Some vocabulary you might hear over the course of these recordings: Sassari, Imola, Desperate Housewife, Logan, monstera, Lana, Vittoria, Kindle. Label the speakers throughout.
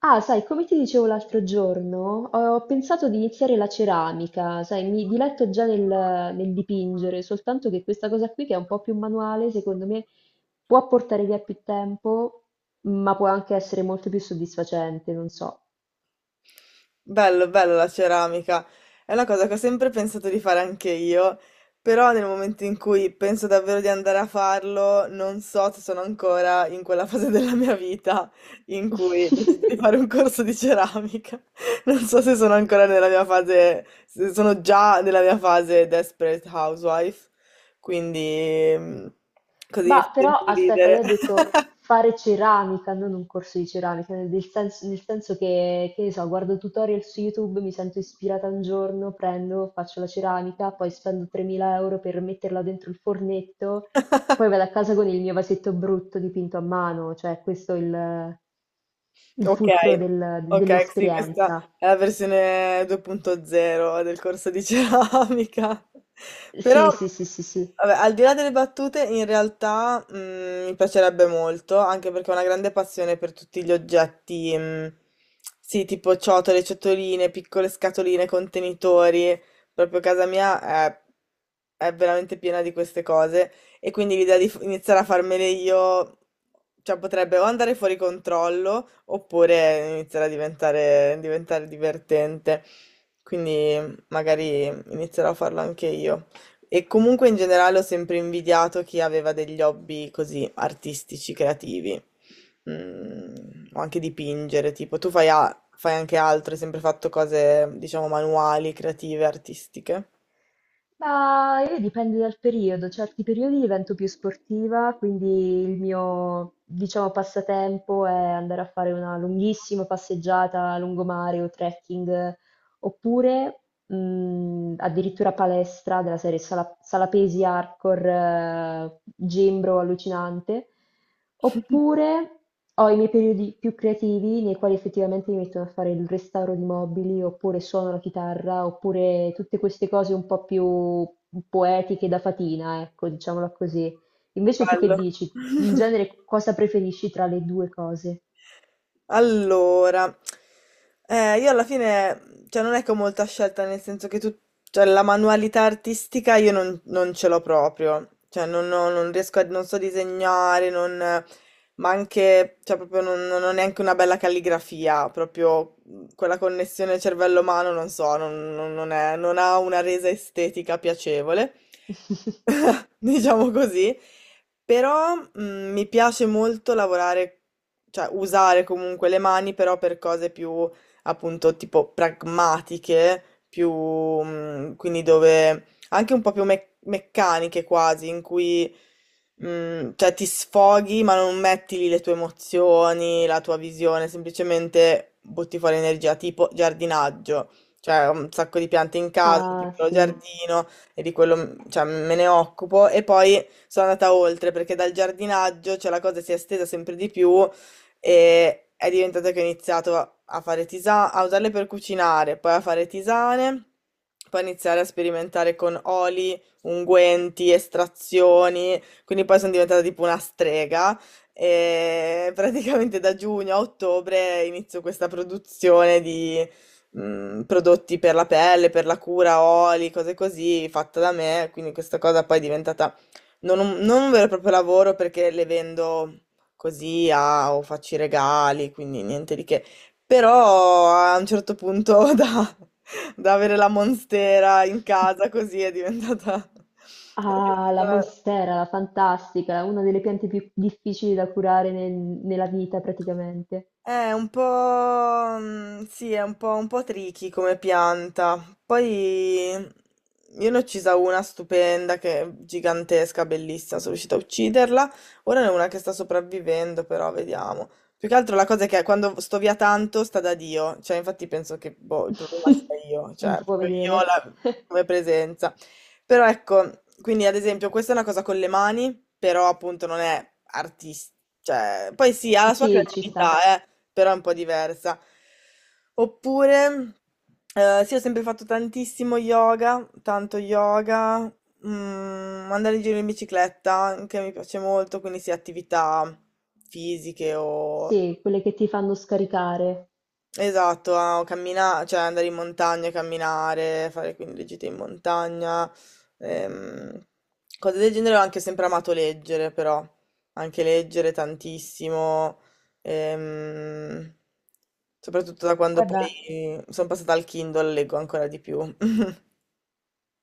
Speaker 1: Ah, sai, come ti dicevo l'altro giorno, ho pensato di iniziare la ceramica, sai, mi diletto già nel dipingere, soltanto che questa cosa qui, che è un po' più manuale, secondo me può portare via più tempo, ma può anche essere molto più soddisfacente, non so.
Speaker 2: Bello, bello la ceramica. È una cosa che ho sempre pensato di fare anche io, però nel momento in cui penso davvero di andare a farlo, non so se sono ancora in quella fase della mia vita in cui decido di fare un corso di ceramica. Non so se sono ancora nella mia fase, se sono già nella mia fase Desperate Housewife, quindi così mi fa
Speaker 1: Bah, però
Speaker 2: sempre
Speaker 1: aspetta,
Speaker 2: ridere.
Speaker 1: io ho detto fare ceramica, non un corso di ceramica, nel senso che ne so, guardo tutorial su YouTube, mi sento ispirata un giorno, prendo, faccio la ceramica, poi spendo 3.000 euro per metterla dentro il fornetto, poi vado a casa con il mio vasetto brutto dipinto a mano, cioè questo è il
Speaker 2: Ok,
Speaker 1: fulcro
Speaker 2: ok, sì, questa
Speaker 1: dell'esperienza.
Speaker 2: è la versione 2.0 del corso di ceramica. Però,
Speaker 1: Sì, sì, sì, sì, sì.
Speaker 2: vabbè, al di là delle battute, in realtà mi piacerebbe molto, anche perché ho una grande passione per tutti gli oggetti, sì, tipo ciotole, ciotoline, piccole scatoline, contenitori. Proprio casa mia è veramente piena di queste cose. E quindi l'idea di iniziare a farmele io, cioè potrebbe o andare fuori controllo oppure iniziare a diventare divertente. Quindi magari inizierò a farlo anche io. E comunque in generale ho sempre invidiato chi aveva degli hobby così artistici, creativi. Mm, o anche dipingere, tipo tu fai, fai anche altro, hai sempre fatto cose, diciamo, manuali, creative, artistiche.
Speaker 1: Ma io dipende dal periodo, certi periodi divento più sportiva, quindi il mio, diciamo, passatempo è andare a fare una lunghissima passeggiata a lungomare o trekking, oppure addirittura palestra della serie sala pesi hardcore, gembro allucinante, oppure ho i miei periodi più creativi nei quali effettivamente mi metto a fare il restauro di mobili, oppure suono la chitarra, oppure tutte queste cose un po' più poetiche da fatina, ecco, diciamola così. Invece tu che
Speaker 2: Bello.
Speaker 1: dici? In genere cosa preferisci tra le 2 cose?
Speaker 2: Allora, io alla fine, cioè non è che ho molta scelta, nel senso che tu, cioè la manualità artistica io non ce l'ho proprio, cioè non, non riesco a, non so disegnare, non, ma anche, cioè proprio non, non ho neanche una bella calligrafia, proprio quella connessione cervello-mano, non so, non, non ha una resa estetica piacevole. Diciamo così, però mi piace molto lavorare, cioè usare comunque le mani, però per cose più appunto tipo pragmatiche, più quindi dove anche un po' più meccaniche quasi, in cui cioè ti sfoghi, ma non metti lì le tue emozioni, la tua visione, semplicemente butti fuori energia, tipo giardinaggio. Cioè, ho un sacco di piante in casa, un
Speaker 1: Ah,
Speaker 2: piccolo
Speaker 1: sì.
Speaker 2: giardino, e di quello, cioè, me ne occupo e poi sono andata oltre perché dal giardinaggio, cioè, la cosa si è estesa sempre di più e è diventata che ho iniziato a fare tisane, a usarle per cucinare, poi a fare tisane, poi iniziare a sperimentare con oli, unguenti, estrazioni, quindi poi sono diventata tipo una strega. E praticamente da giugno a ottobre inizio questa produzione di, prodotti per la pelle, per la cura, oli, cose così, fatta da me, quindi questa cosa poi è diventata non un vero e proprio lavoro perché le vendo così o faccio i regali, quindi niente di che. Però a un certo punto da avere la monstera in casa così è diventata... è
Speaker 1: Ah, la
Speaker 2: diventata.
Speaker 1: monstera, la fantastica, una delle piante più difficili da curare nella vita praticamente.
Speaker 2: È un po', mhmm, sì, è un po' tricky come pianta. Poi io ne ho uccisa una stupenda che è gigantesca, bellissima, sono riuscita a ucciderla. Ora ne ho una che sta sopravvivendo, però vediamo. Più che altro la cosa è che quando sto via tanto sta da Dio, cioè infatti penso che boh, il problema sia io,
Speaker 1: Non
Speaker 2: cioè
Speaker 1: ti può
Speaker 2: proprio io
Speaker 1: vedere.
Speaker 2: come presenza. Però ecco, quindi ad esempio questa è una cosa con le mani, però appunto non è artistica. Cioè, poi sì, ha la sua
Speaker 1: Sì, ci sta.
Speaker 2: creatività, però è un po' diversa. Oppure, sì, ho sempre fatto tantissimo yoga, tanto yoga, andare in giro in bicicletta, che mi piace molto, quindi sì, attività fisiche o
Speaker 1: Sì, quelle che ti fanno scaricare.
Speaker 2: esatto, a cioè andare in montagna, camminare, fare quindi le gite in montagna, ehm, cose del genere. Ho anche sempre amato leggere, però, anche leggere tantissimo, ehm, soprattutto da quando
Speaker 1: Guarda,
Speaker 2: poi sono passata al Kindle, leggo ancora di più.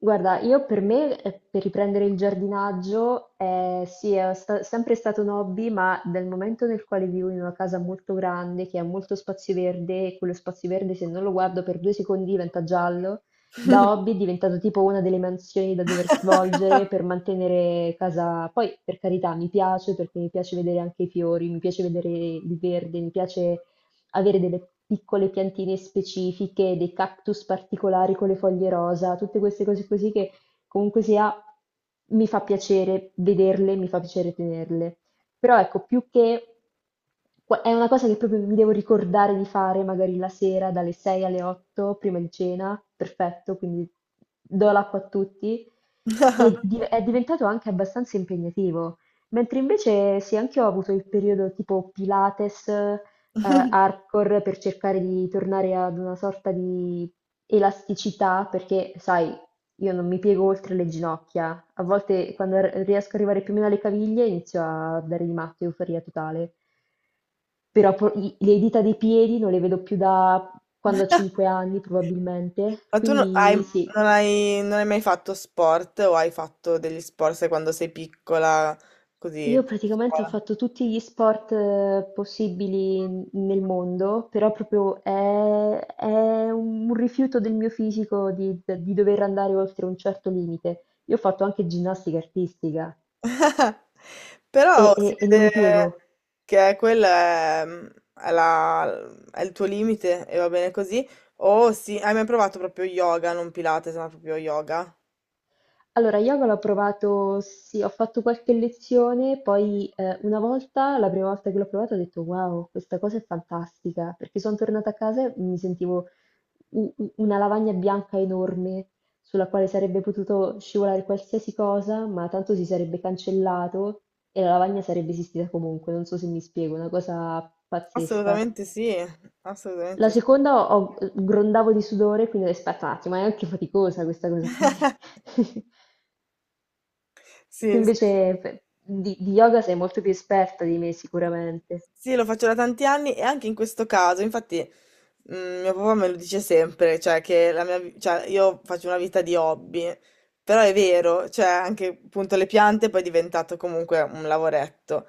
Speaker 1: Guarda, io per me, per riprendere il giardinaggio, sì, è sempre stato un hobby, ma dal momento nel quale vivo in una casa molto grande, che ha molto spazio verde, e quello spazio verde se non lo guardo per 2 secondi diventa giallo, da hobby è diventato tipo una delle mansioni da dover svolgere per mantenere casa. Poi, per carità, mi piace perché mi piace vedere anche i fiori, mi piace vedere il verde, mi piace avere delle piccole piantine specifiche, dei cactus particolari con le foglie rosa, tutte queste cose così che comunque sia mi fa piacere vederle, mi fa piacere tenerle. Però ecco, più che è una cosa che proprio mi devo ricordare di fare magari la sera dalle 6 alle 8 prima di cena, perfetto, quindi do l'acqua a tutti. E è diventato anche abbastanza impegnativo. Mentre invece sì, anche io ho avuto il periodo tipo Pilates, hardcore per cercare di tornare ad una sorta di elasticità, perché sai, io non mi piego oltre le ginocchia. A volte quando riesco ad arrivare più o meno alle caviglie inizio a dare di matto, euforia totale. Però le dita dei piedi non le vedo più da quando ho 5 anni probabilmente.
Speaker 2: Ma tu
Speaker 1: Quindi sì,
Speaker 2: non hai mai fatto sport o hai fatto degli sport, sai, quando sei piccola, così,
Speaker 1: io
Speaker 2: a
Speaker 1: praticamente ho
Speaker 2: scuola?
Speaker 1: fatto tutti gli sport possibili nel mondo, però proprio è un rifiuto del mio fisico di dover andare oltre un certo limite. Io ho fatto anche ginnastica artistica
Speaker 2: Però
Speaker 1: e
Speaker 2: si
Speaker 1: e- e non
Speaker 2: vede
Speaker 1: mi piego.
Speaker 2: che quella è, è il tuo limite e va bene così. Oh sì, hai mai provato proprio yoga, non Pilates, ma proprio yoga?
Speaker 1: Allora, yoga l'ho provato, sì, ho fatto qualche lezione, poi una volta, la prima volta che l'ho provato, ho detto wow, questa cosa è fantastica, perché sono tornata a casa e mi sentivo una lavagna bianca enorme sulla quale sarebbe potuto scivolare qualsiasi cosa, ma tanto si sarebbe cancellato e la lavagna sarebbe esistita comunque, non so se mi spiego, una cosa pazzesca.
Speaker 2: Assolutamente sì,
Speaker 1: La
Speaker 2: assolutamente sì.
Speaker 1: seconda grondavo di sudore, quindi ho detto, aspetta un attimo, è anche faticosa questa cosa qui. Tu
Speaker 2: Sì, sì,
Speaker 1: invece di yoga sei molto più esperta di me sicuramente.
Speaker 2: sì, lo faccio da tanti anni e anche in questo caso, infatti, mio papà me lo dice sempre, cioè che la mia, cioè, io faccio una vita di hobby, però è vero, cioè anche appunto le piante poi è diventato comunque un lavoretto.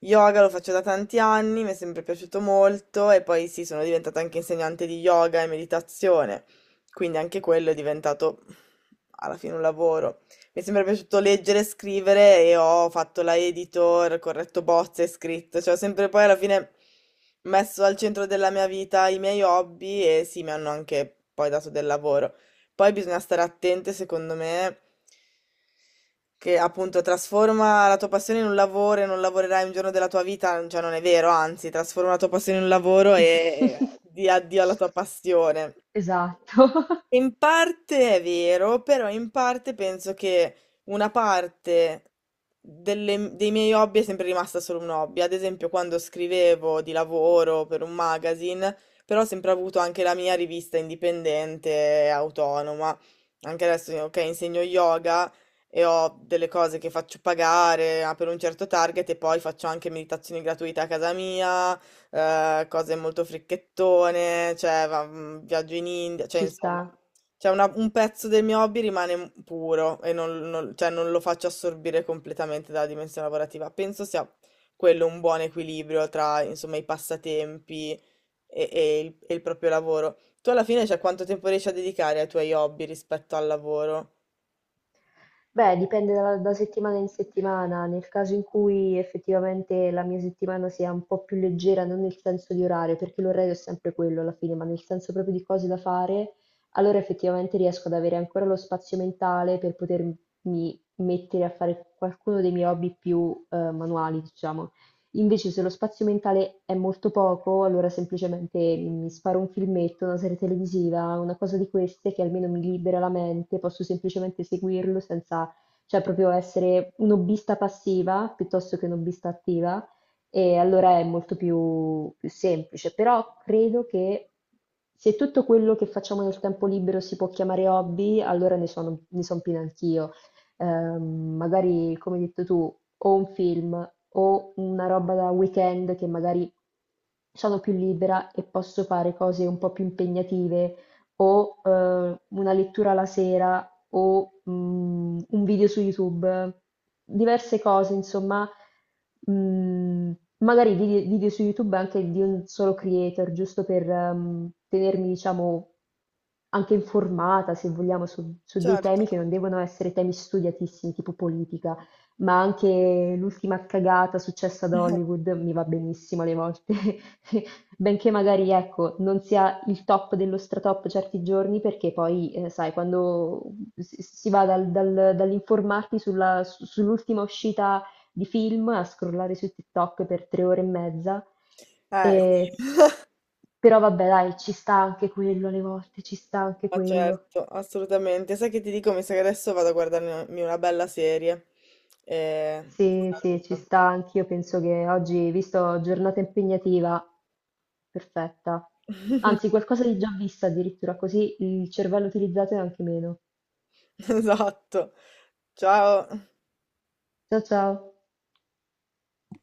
Speaker 2: Yoga lo faccio da tanti anni, mi è sempre piaciuto molto e poi sì, sono diventata anche insegnante di yoga e meditazione, quindi anche quello è diventato alla fine un lavoro. Mi è sempre piaciuto leggere e scrivere e ho fatto la editor, corretto bozze, scritto, cioè ho sempre poi alla fine messo al centro della mia vita i miei hobby e sì, mi hanno anche poi dato del lavoro. Poi bisogna stare attente, secondo me, che appunto trasforma la tua passione in un lavoro e non lavorerai un giorno della tua vita, cioè non è vero, anzi, trasforma la tua passione in un lavoro e di addio alla tua passione.
Speaker 1: Esatto,
Speaker 2: In parte è vero, però in parte penso che una parte dei miei hobby è sempre rimasta solo un hobby. Ad esempio, quando scrivevo di lavoro per un magazine, però ho sempre avuto anche la mia rivista indipendente e autonoma. Anche adesso, ok, insegno yoga e ho delle cose che faccio pagare ah, per un certo target e poi faccio anche meditazioni gratuite a casa mia, cose molto fricchettone, cioè viaggio in India, cioè
Speaker 1: ci sta.
Speaker 2: insomma. Cioè un pezzo del mio hobby rimane puro e cioè, non lo faccio assorbire completamente dalla dimensione lavorativa. Penso sia quello un buon equilibrio tra, insomma, i passatempi e il proprio lavoro. Tu alla fine, cioè, quanto tempo riesci a dedicare ai tuoi hobby rispetto al lavoro?
Speaker 1: Beh, dipende da settimana in settimana. Nel caso in cui effettivamente la mia settimana sia un po' più leggera, non nel senso di orario, perché l'orario è sempre quello alla fine, ma nel senso proprio di cose da fare, allora effettivamente riesco ad avere ancora lo spazio mentale per potermi mettere a fare qualcuno dei miei hobby più manuali, diciamo. Invece se lo spazio mentale è molto poco, allora semplicemente mi sparo un filmetto, una serie televisiva, una cosa di queste che almeno mi libera la mente, posso semplicemente seguirlo senza, cioè proprio essere un hobbista passiva piuttosto che un hobbista attiva e allora è molto più, più semplice. Però credo che se tutto quello che facciamo nel tempo libero si può chiamare hobby, allora ne sono, ne son piena anch'io. Magari, come hai detto tu, o un film o una roba da weekend che magari sono più libera e posso fare cose un po' più impegnative o una lettura la sera o un video su YouTube, diverse cose, insomma, mm, magari video, su YouTube anche di un solo creator, giusto per tenermi, diciamo, anche informata, se vogliamo, su dei
Speaker 2: Certo,
Speaker 1: temi che non devono essere temi studiatissimi, tipo politica, ma anche l'ultima cagata successa ad Hollywood mi va benissimo alle volte. Benché magari, ecco, non sia il top dello stratop certi giorni, perché poi, sai, quando si va dall'informarti sull'ultima uscita di film a scrollare su TikTok per 3 ore e mezza,
Speaker 2: eh
Speaker 1: e-
Speaker 2: sì,
Speaker 1: però vabbè, dai, ci sta anche quello alle volte, ci sta anche
Speaker 2: ma
Speaker 1: quello.
Speaker 2: certo, assolutamente. Sai che ti dico? Mi sa che adesso vado a guardarmi una bella serie. E... ti
Speaker 1: Sì, sì, ci
Speaker 2: saluto.
Speaker 1: sta, anch'io penso che oggi, visto giornata impegnativa, perfetta. Anzi, qualcosa di già vista addirittura, così il cervello utilizzato è anche meno.
Speaker 2: Esatto. Ciao.
Speaker 1: Ciao ciao!